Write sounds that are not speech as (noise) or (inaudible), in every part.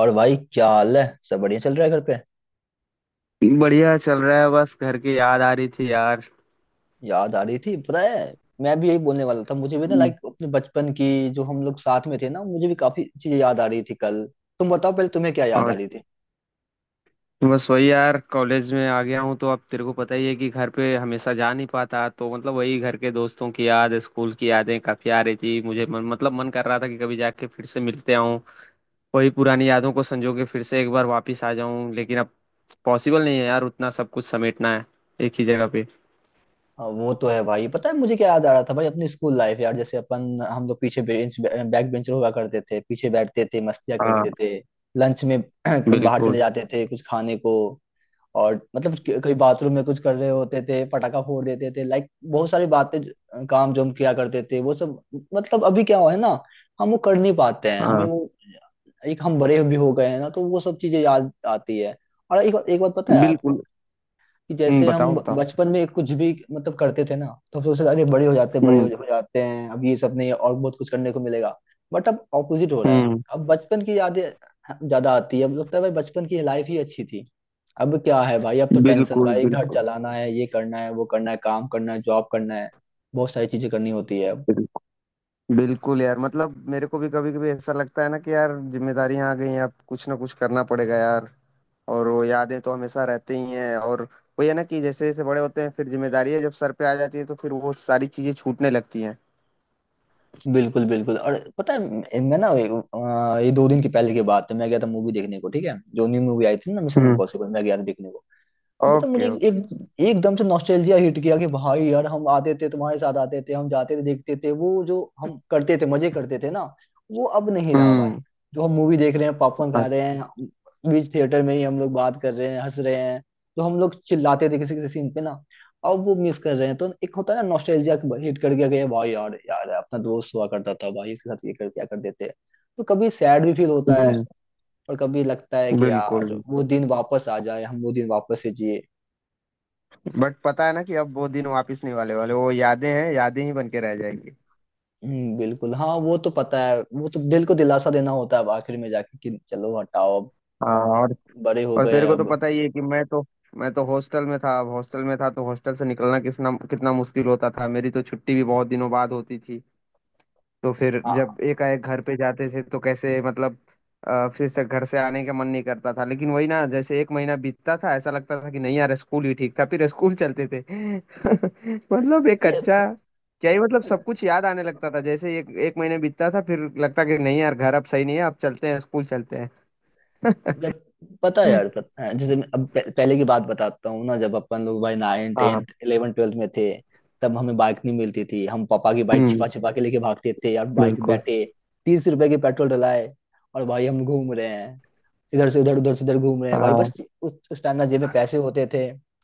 और भाई, क्या हाल है। सब बढ़िया चल रहा है घर पे। बढ़िया चल रहा है, बस घर की याद आ रही थी यार। याद आ रही थी, पता है। मैं भी यही बोलने वाला था, मुझे भी ना, हम्म। लाइक, अपने बचपन की जो हम लोग साथ में थे ना, मुझे भी काफी चीजें याद आ रही थी कल। तुम बताओ पहले, तुम्हें क्या याद आ और, रही थी। बस वही यार, कॉलेज में आ गया हूँ तो अब तेरे को पता ही है कि घर पे हमेशा जा नहीं पाता, तो मतलब वही घर के दोस्तों की याद, स्कूल की यादें काफी आ रही थी मुझे। मतलब मन कर रहा था कि कभी जाके फिर से मिलते आऊँ। वही पुरानी यादों को संजो के फिर से एक बार वापिस आ जाऊँ, लेकिन अब पॉसिबल नहीं है यार, उतना सब कुछ समेटना है एक ही जगह पे। हाँ, वो तो है भाई। पता है मुझे क्या याद आ रहा था भाई, अपनी स्कूल लाइफ यार, जैसे अपन, हम लोग पीछे बेंच, बैक बेंचर हुआ करते थे, पीछे बैठते थे, मस्तियाँ हाँ, करते थे। लंच में (clears throat) बाहर चले बिल्कुल। जाते थे कुछ खाने को। और मतलब कहीं बाथरूम में कुछ कर रहे होते थे, पटाखा फोड़ देते थे, लाइक बहुत सारी बातें, काम जो हम किया करते थे वो सब। मतलब अभी क्या हुआ है ना, हम वो कर नहीं पाते हैं, हमें हाँ, वो, एक हम बड़े भी हो गए हैं ना, तो वो सब चीजें याद आती है। और एक एक बात पता है आपको, बिल्कुल। कि जैसे हम बताओ बताओ। बचपन में कुछ भी मतलब करते थे ना, तो हम सोचते थे, अरे बड़े हो जाते हैं, बड़े हम्म। हो जाते हैं, अब ये सब नहीं, और बहुत कुछ करने को मिलेगा। बट अब ऑपोजिट हो रहा है, हम्म। अब बचपन की यादें हाँ, ज्यादा आती है। अब लगता है भाई, बचपन की लाइफ ही अच्छी थी। अब क्या है भाई, अब तो टेंशन बिल्कुल भाई। घर बिल्कुल। चलाना है, ये करना है, वो करना है, काम करना है, जॉब करना है। बहुत सारी चीजें करनी होती है अब। बिल्कुल बिल्कुल यार, मतलब मेरे को भी कभी कभी ऐसा लगता है ना कि यार, जिम्मेदारियां आ गई हैं, अब कुछ ना कुछ करना पड़ेगा यार। और वो यादें तो हमेशा रहती ही हैं। और वो ये ना कि जैसे जैसे बड़े होते हैं, फिर जिम्मेदारियां जब सर पे आ जाती है, तो फिर वो सारी चीजें छूटने लगती हैं। बिल्कुल बिल्कुल। और पता है मैं ना, ये दो दिन के पहले की बात है, मैं गया था मूवी देखने को, ठीक है, जो न्यू मूवी आई थी ना, मिशन हम्म। इम्पॉसिबल, मैं गया था देखने को। तो पता है मुझे ओके एक, ओके। एक एकदम से नॉस्टैल्जिया हिट किया कि भाई यार, हम आते थे तुम्हारे साथ, आते थे हम, जाते थे देखते थे, वो जो हम करते थे, मजे करते थे ना। वो अब नहीं रहा भाई। हम्म। जो हम मूवी देख रहे हैं, पॉपकॉर्न खा रहे हैं, बीच थिएटर में ही हम लोग बात कर रहे हैं, हंस रहे हैं। तो हम लोग चिल्लाते थे किसी किसी सीन पे ना, अब वो मिस कर रहे हैं, तो एक होता है ना नॉस्टैल्जिया। हिट कर गया कि यार भाई, यार यार, अपना दोस्त हुआ करता था भाई, इसके साथ ये कर, क्या कर देते हैं। तो कभी सैड भी फील होता है, हम्म, और कभी लगता है कि बिल्कुल यार वो बिल्कुल। दिन वापस आ जाए, हम वो दिन वापस से जिए। बट पता है ना कि अब वो दिन वापस नहीं वाले वाले, वो यादें हैं, यादें ही बन के रह जाएंगी। बिल्कुल, हाँ। वो तो पता है, वो तो दिल को दिलासा देना होता है अब, आखिर में जाके, कि चलो हटाओ अब हाँ। और अब बड़े हो और गए तेरे हैं को तो अब। पता ही है कि मैं तो हॉस्टल में था। अब हॉस्टल में था तो हॉस्टल से निकलना कितना कितना मुश्किल होता था, मेरी तो छुट्टी भी बहुत दिनों बाद होती थी। तो फिर जब हाँ, एकाएक घर पे जाते थे तो कैसे, मतलब फिर से घर से आने का मन नहीं करता था। लेकिन वही ना, जैसे एक महीना बीतता था ऐसा लगता था कि नहीं यार, स्कूल ही ठीक था, फिर स्कूल चलते थे। (laughs) मतलब एक अरे अच्छा क्या ही, मतलब सब कुछ याद आने लगता था। जैसे एक एक महीना बीतता था, फिर लगता कि नहीं यार, घर अब सही नहीं है, अब चलते हैं, स्कूल चलते हैं। जब, पता है यार, पता है, जैसे मैं अब पहले की बात बताता हूँ ना, जब अपन लोग भाई नाइन हाँ टेंथ हाँ। इलेवन ट्वेल्थ में थे, तब हमें बाइक नहीं मिलती थी। हम पापा की बाइक छिपा हम्म। छिपा के लेके भागते थे यार, बाइक बिल्कुल बैठे 30 रुपए के पेट्रोल डलाए, और भाई हम घूम रहे हैं, इधर से उधर, उधर से उधर घूम रहे हैं भाई बस। उस टाइम ना, जेब में पैसे होते थे,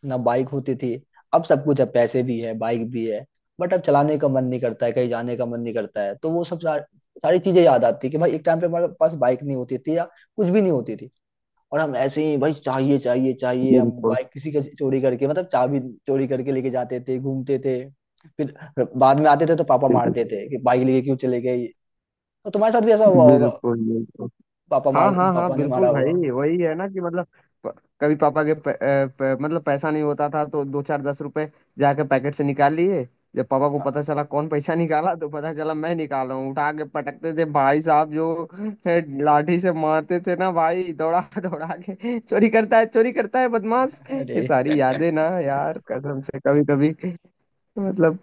ना बाइक होती थी। अब सब कुछ है, पैसे भी है, बाइक भी है, बट अब चलाने का मन नहीं करता है, कहीं जाने का मन नहीं करता है, तो वो सब सारी चीजें याद आती है कि भाई एक टाइम पे हमारे पास बाइक नहीं होती थी, या कुछ भी नहीं होती थी। और हम ऐसे ही भाई, चाहिए चाहिए चाहिए, हम बिल्कुल बाइक किसी का चोरी करके, मतलब चाबी चोरी करके लेके जाते थे, घूमते थे। फिर बाद में आते थे तो पापा बिल्कुल। मारते थे कि बाइक लेके क्यों चले गए। तो तुम्हारे साथ भी ऐसा हुआ होगा। बिल्कुल बिल्कुल। हाँ हाँ हाँ, पापा ने मारा बिल्कुल होगा। भाई, वही है ना कि मतलब, प- कभी पापा के मतलब पैसा नहीं होता था, तो दो चार दस रुपए जाके पैकेट से निकाल लिए। जब पापा को पता हाँ। चला कौन पैसा निकाला, तो पता चला मैं निकाला हूँ, उठा के पटकते थे भाई साहब। जो है, लाठी से मारते थे ना भाई, दौड़ा (laughs) दौड़ा के, चोरी करता है, चोरी करता है बदमाश। ये अरे, सारी यादें ना यार, कसम से कभी कभी, मतलब।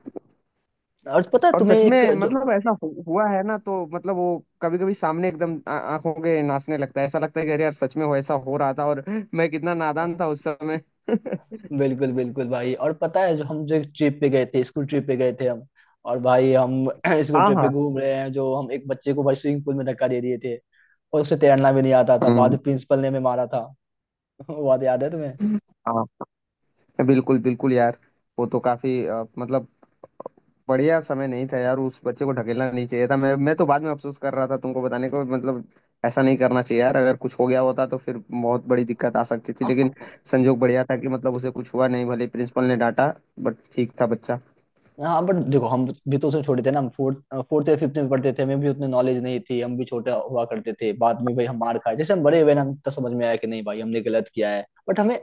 और पता है और तुम्हें, सच एक में जो, मतलब ऐसा हुआ है ना, तो मतलब वो कभी कभी सामने एकदम आंखों के नाचने लगता है। ऐसा लगता है कि अरे यार सच में वो ऐसा हो रहा था, और मैं कितना नादान था उस समय। बिल्कुल बिल्कुल भाई। और पता है जो हम, जो ट्रिप पे गए थे, स्कूल ट्रिप पे गए थे हम, और भाई हम (clears throat) स्कूल हाँ ट्रिप पे हाँ। घूम रहे हैं, जो हम एक बच्चे को भाई स्विमिंग पूल में धक्का दे दिए थे, और उसे तैरना भी नहीं आता था, बाद हम्म। में प्रिंसिपल ने हमें मारा था। (laughs) वो बात याद है हाँ, बिल्कुल बिल्कुल यार। वो तो काफी, मतलब बढ़िया समय नहीं था यार, उस बच्चे को ढकेलना नहीं चाहिए था। मैं तो बाद में अफसोस कर रहा था तुमको बताने को। मतलब ऐसा नहीं करना चाहिए यार, अगर कुछ हो गया होता तो फिर बहुत बड़ी दिक्कत आ सकती थी। लेकिन तुम्हें। संजोग बढ़िया था कि मतलब उसे कुछ हुआ नहीं, भले प्रिंसिपल ने डांटा, बट ठीक था बच्चा। हाँ बट देखो, हम भी तो उसमें छोटे थे ना, हम फोर्थ फोर्थ या 5th में पढ़ते थे, हमें भी उतनी नॉलेज नहीं थी, हम भी छोटे हुआ करते थे। बाद में भाई हम मार खाए, जैसे हम बड़े हुए ना, हम तो समझ में आया कि नहीं भाई, हमने गलत किया है, बट हमें,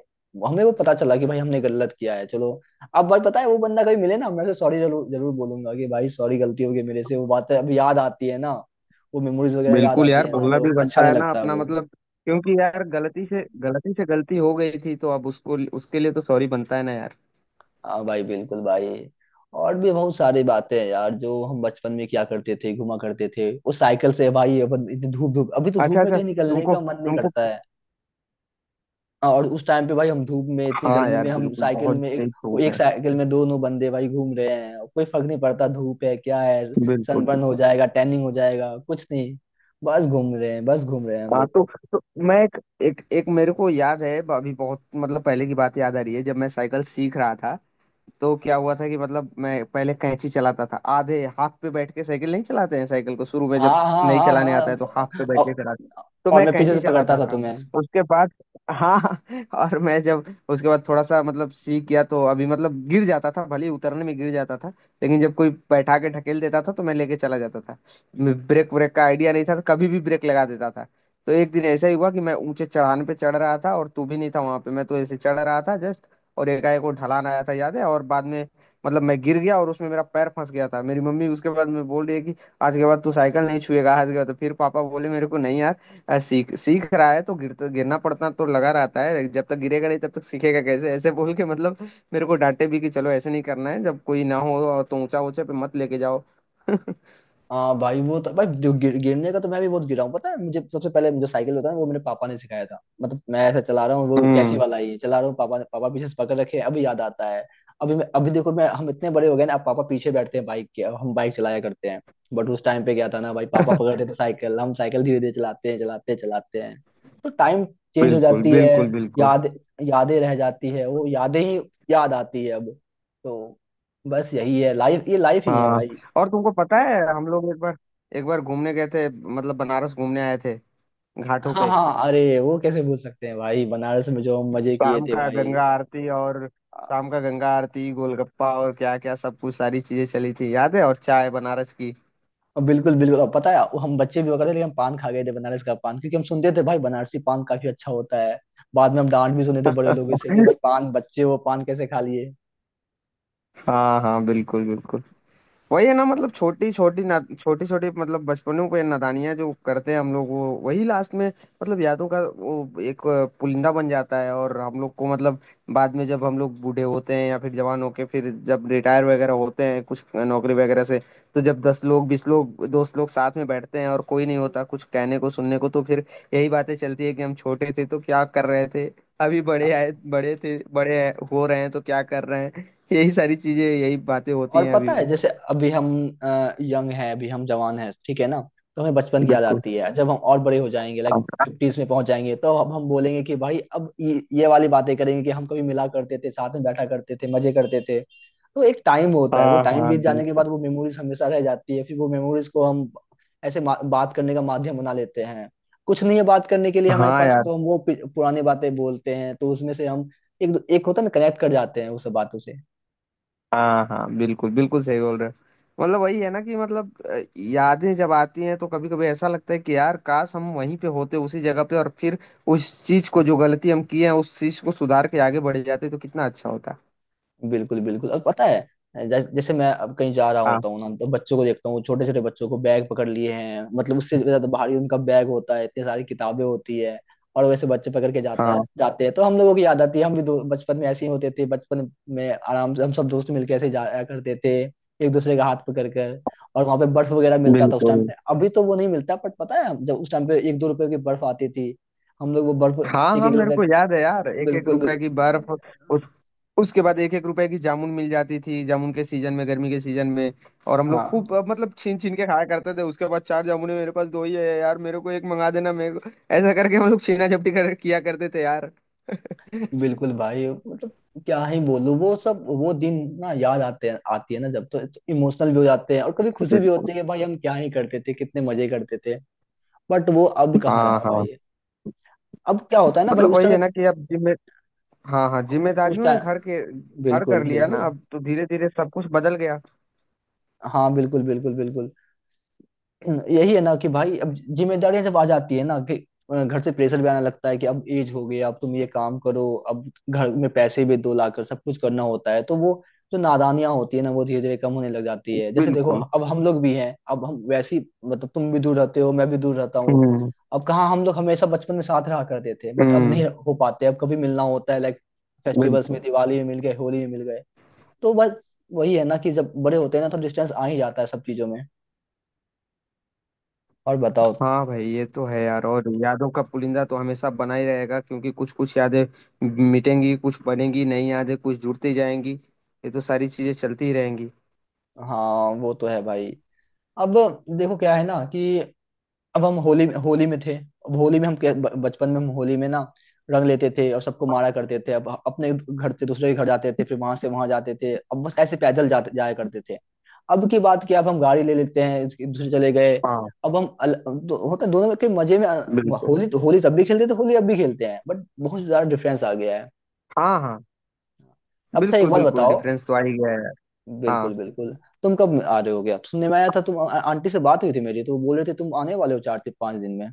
हमें वो पता चला कि भाई हमने गलत किया है, चलो। अब भाई पता है, वो बंदा कभी मिले ना, मैं उसे सॉरी जरूर जरूर बोलूंगा कि भाई सॉरी, गलती हो गई मेरे से। वो बातें अब याद आती है ना, वो मेमोरीज वगैरह याद बिल्कुल आती यार, है ना, बोलना तो भी अच्छा बनता नहीं है ना लगता है अपना, वो। मतलब क्योंकि यार, गलती से गलती हो गई थी, तो अब उसको, उसके लिए तो सॉरी बनता है ना यार। हाँ भाई बिल्कुल भाई। और भी बहुत सारी बातें हैं यार, जो हम बचपन में क्या करते थे, घुमा करते थे उस साइकिल से भाई, अपन इतनी धूप, धूप अभी तो अच्छा धूप में अच्छा, कहीं निकलने तुमको का मन नहीं तुमको करता है। हाँ, और उस टाइम पे भाई हम धूप में इतनी हाँ गर्मी में, यार, हम बिल्कुल, साइकिल बहुत में, तेज वो धूप एक है। साइकिल में दोनों बंदे भाई घूम रहे हैं, और कोई फर्क नहीं पड़ता, धूप है क्या है, बिल्कुल। सनबर्न हो जाएगा, टैनिंग हो जाएगा, कुछ नहीं, बस घूम रहे हैं, बस घूम रहे हैं हम हाँ, लोग। तो मैं, एक, एक एक मेरे को याद है। अभी बहुत, मतलब पहले की बात याद आ रही है, जब मैं साइकिल सीख रहा था, तो क्या हुआ था कि मतलब मैं पहले कैंची चलाता था, आधे हाथ पे बैठ के, साइकिल नहीं चलाते हैं साइकिल को शुरू में, जब हाँ, हाँ, नहीं हाँ, चलाने आता है तो हाथ हाँ। पे बैठ के और चलाते। तो और मैं मैं पीछे कैंची से पकड़ता चलाता था था तुम्हें। उसके बाद। हाँ। (laughs) और मैं जब, उसके बाद थोड़ा सा मतलब सीख गया, तो अभी मतलब गिर जाता था, भले ही उतरने में गिर जाता था। लेकिन जब कोई बैठा के ढकेल देता था तो मैं लेके चला जाता था। ब्रेक ब्रेक का आइडिया नहीं था, तो कभी भी ब्रेक लगा देता था। तो एक दिन ऐसा ही हुआ कि मैं ऊंचे चढ़ान पे चढ़ रहा था, और तू भी नहीं था वहां पे। मैं तो ऐसे चढ़ रहा था जस्ट, और एकाएक वो ढलान आया था याद है। और बाद में मतलब मैं गिर गया, और उसमें मेरा पैर फंस गया था। मेरी मम्मी उसके बाद में बोल रही है कि आज के बाद तू साइकिल नहीं छुएगा। आज के बाद तो फिर पापा बोले मेरे को, नहीं यार, सीख सीख रहा है तो गिरता गिरना पड़ता, तो लगा रहता है, जब तक गिरेगा नहीं तब तक सीखेगा कैसे। ऐसे बोल के मतलब, मेरे को डांटे भी कि चलो ऐसे नहीं करना है, जब कोई ना हो तो ऊंचा ऊंचा पे मत लेके जाओ। हाँ भाई, वो तो भाई गिरने का तो मैं भी बहुत गिरा हूँ। पता है मुझे, सबसे पहले जो साइकिल होता है वो मेरे पापा ने सिखाया था, मतलब मैं ऐसा चला रहा हूँ, वो कैची हम्म। वाला ही चला रहा हूँ, पापा पीछे से पकड़ रखे हैं, अभी याद आता है। अभी देखो, मैं हम इतने बड़े हो गए ना, अब पापा पीछे बैठते हैं बाइक के, अब हम बाइक चलाया करते हैं। बट उस टाइम पे क्या था ना भाई, पापा (laughs) पकड़ते थे साइकिल, हम साइकिल धीरे धीरे चलाते हैं, चलाते हैं, चलाते हैं। तो टाइम चेंज हो बिल्कुल जाती है, बिल्कुल बिल्कुल। याद यादें रह जाती है, वो यादें ही याद आती है अब। तो बस यही है लाइफ, ये लाइफ ही है हाँ। भाई। और तुमको पता है हम लोग एक बार घूमने गए थे, मतलब बनारस घूमने आए थे, घाटों हाँ, पे। हाँ अरे, वो कैसे भूल सकते हैं भाई, बनारस में जो हम मजे किए शाम थे का भाई। गंगा आरती, और शाम का गंगा आरती, गोलगप्पा, और क्या क्या सब कुछ, सारी चीजें चली थी याद है, और चाय बनारस की। बिल्कुल बिल्कुल। और पता है, वो हम बच्चे भी होकर थे, लेकिन हम पान खा गए थे बनारस का पान, क्योंकि हम सुनते थे भाई बनारसी पान काफी अच्छा होता है। बाद में हम डांट भी सुने थे बड़े लोगों से कि भाई (laughs) पान, बच्चे हो, पान कैसे खा लिए। हाँ हाँ, बिल्कुल बिल्कुल। वही है ना मतलब, छोटी छोटी ना छोटी छोटी, मतलब बचपनों पे नादानियां जो करते हैं हम लोग, वो वही लास्ट में, मतलब यादों का वो एक पुलिंदा बन जाता है। और हम लोग को मतलब बाद में, जब हम लोग बूढ़े होते हैं, या फिर जवान होके, फिर जब रिटायर वगैरह होते हैं कुछ नौकरी वगैरह से, तो जब 10 लोग 20 लोग दोस्त लोग साथ में बैठते हैं, और कोई नहीं होता कुछ कहने को सुनने को, तो फिर यही बातें चलती है कि हम छोटे थे तो क्या कर रहे थे, अभी बड़े आए बड़े थे बड़े हो रहे हैं तो क्या कर रहे हैं। यही सारी चीजें, यही बातें होती और हैं अभी पता है, भी। जैसे अभी हम यंग हैं, अभी हम जवान हैं, ठीक है ना, तो हमें बचपन की याद बिल्कुल। आती है। जब हम और बड़े हो जाएंगे लाइक अब- 50s में पहुंच जाएंगे, तो अब हम बोलेंगे कि भाई, अब ये वाली बातें करेंगे कि हम कभी मिला करते थे, साथ में बैठा करते थे, मजे करते थे। तो एक टाइम होता है, वो हाँ टाइम हाँ, बीत जाने के बिल्कुल। बाद वो मेमोरीज हमेशा रह जाती है। फिर वो मेमोरीज को हम ऐसे बात करने का माध्यम बना लेते हैं। कुछ नहीं है बात करने के लिए हमारे हाँ पास, यार। तो हम वो पुरानी बातें बोलते हैं, तो उसमें से हम एक एक होता है ना, कनेक्ट कर जाते हैं उस बातों से। हाँ हाँ, बिल्कुल बिल्कुल, सही बोल रहे हो। मतलब वही है ना कि मतलब यादें जब आती हैं तो कभी कभी ऐसा लगता है कि यार काश हम वहीं पे होते, उसी जगह पे, और फिर उस चीज को जो गलती हम किए हैं, उस चीज को सुधार के आगे बढ़ जाते, तो कितना अच्छा होता। बिल्कुल बिल्कुल। और पता है जैसे मैं अब कहीं जा रहा हाँ होता हूँ ना, तो बच्चों को देखता हूँ, छोटे छोटे बच्चों को, बैग पकड़ लिए हैं, मतलब उससे ज्यादा भारी उनका बैग होता है, इतनी सारी किताबें होती है। और वैसे बच्चे पकड़ के जाता है हाँ, जाते हैं, तो हम लोगों की याद आती है, हम भी बचपन में ऐसे ही होते थे, बचपन में आराम से हम सब दोस्त मिलकर ऐसे जाया करते थे, एक दूसरे का हाथ पकड़ कर। और वहां पे बर्फ वगैरह मिलता था उस टाइम बिल्कुल। पे, अभी तो वो नहीं मिलता, बट पता है जब उस टाइम पे एक दो रुपए की बर्फ आती थी, हम लोग वो बर्फ, हाँ एक हाँ, एक मेरे रुपए, को याद है यार, एक एक बिल्कुल रुपए की बिल्कुल। बर्फ। उस उसके बाद एक एक रुपए की जामुन मिल जाती थी, जामुन के सीजन में, गर्मी के सीजन में। और हम लोग हाँ खूब, मतलब छीन छीन के खाया करते थे। उसके बाद, चार जामुन मेरे पास, दो ही है यार, मेरे को एक मंगा देना, मेरे को, ऐसा करके हम लोग छीना झपटी कर किया करते थे यार। (laughs) बिल्कुल भाई, मतलब, क्या ही बोलूं, वो सब वो दिन ना याद आते हैं, आती है ना जब, तो इमोशनल भी हो जाते हैं, और कभी खुशी भी होती है कि भाई हम क्या ही करते थे, कितने मजे करते थे, बट वो अब कहाँ हाँ रहा हाँ। भाई। अब क्या होता है ना भाई, मतलब उस वही समय, है ना कि अब, जिम्मे हाँ हाँ, उस जिम्मेदारियों ने घर के टाइम, घर बिल्कुल कर लिया ना, बिल्कुल। अब तो धीरे धीरे सब कुछ बदल गया। हाँ बिल्कुल बिल्कुल बिल्कुल। यही है ना कि भाई अब जिम्मेदारियां जब आ जाती है ना, कि घर से प्रेशर भी आने लगता है कि अब एज हो गई, अब तुम ये काम करो, अब घर में पैसे भी दो लाकर, सब कुछ करना होता है, तो वो जो नादानियां होती है ना, वो धीरे धीरे कम होने लग जाती है। जैसे देखो, बिल्कुल। अब हम लोग भी हैं, अब हम वैसी, मतलब तुम भी दूर रहते हो, मैं भी दूर रहता हूँ अब हम्म। अब कहाँ हम लोग हमेशा बचपन में साथ रहा करते थे, बट अब नहीं हम्म, हो पाते, अब कभी मिलना होता है लाइक फेस्टिवल्स बिल्कुल। में, दिवाली में मिल गए, होली में मिल गए। तो बस वही है ना, कि जब बड़े होते हैं ना, तो डिस्टेंस आ ही जाता है सब चीजों में। और बताओ। हाँ भाई ये तो है यार, और यादों का पुलिंदा तो हमेशा बना ही रहेगा, क्योंकि कुछ कुछ यादें मिटेंगी, कुछ बनेंगी नई यादें, कुछ जुड़ती जाएंगी, ये तो सारी चीजें चलती ही रहेंगी। हाँ वो तो है भाई। अब देखो क्या है ना कि, अब हम होली होली में थे, अब होली में हम बचपन में हम होली में ना, रंग लेते थे और सबको मारा करते थे, अब अपने घर से दूसरे के घर जाते थे, फिर वहां से वहां जाते थे, अब बस ऐसे पैदल जाते जाया करते थे। अब की बात क्या, अब हम गाड़ी ले लेते हैं, दूसरे चले गए। हाँ, अब हम होता है दोनों के मजे में, बिल्कुल। होली तो होली, तब भी खेलते थे, होली अब भी खेलते हैं, बट बहुत ज्यादा डिफरेंस आ गया है। हाँ हाँ, अब अच्छा, एक बिल्कुल बात बिल्कुल, बताओ। डिफरेंस तो आ ही गया है। बिल्कुल हाँ। बिल्कुल। तुम कब आ रहे हो, क्या सुनने में आया था, आंटी से बात हुई थी मेरी, तो वो बोल रहे थे तुम आने वाले हो 4 से 5 दिन में।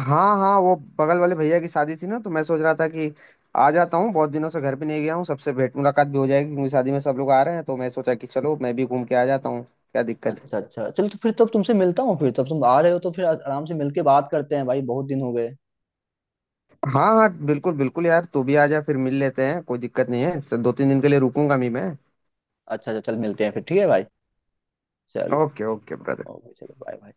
हाँ हाँ, वो बगल वाले भैया की शादी थी ना, तो मैं सोच रहा था कि आ जाता हूँ, बहुत दिनों से घर भी नहीं गया हूँ, सबसे भेंट मुलाकात भी हो जाएगी, क्योंकि शादी में सब लोग आ रहे हैं, तो मैं सोचा कि चलो मैं भी घूम के आ जाता हूँ, क्या दिक्कत है। अच्छा अच्छा, चलो तो फिर तब तुमसे मिलता हूँ, फिर तब तुम आ रहे हो तो फिर आराम से मिलके बात करते हैं भाई, बहुत दिन हो गए। हाँ हाँ, बिल्कुल बिल्कुल यार, तू भी आ जा, फिर मिल लेते हैं, कोई दिक्कत नहीं है। चल, 2-3 दिन के लिए रुकूंगा मैं। अच्छा अच्छा, चल मिलते हैं फिर, ठीक है भाई। चल। Okay okay brother. ओके, चलो, बाय बाय।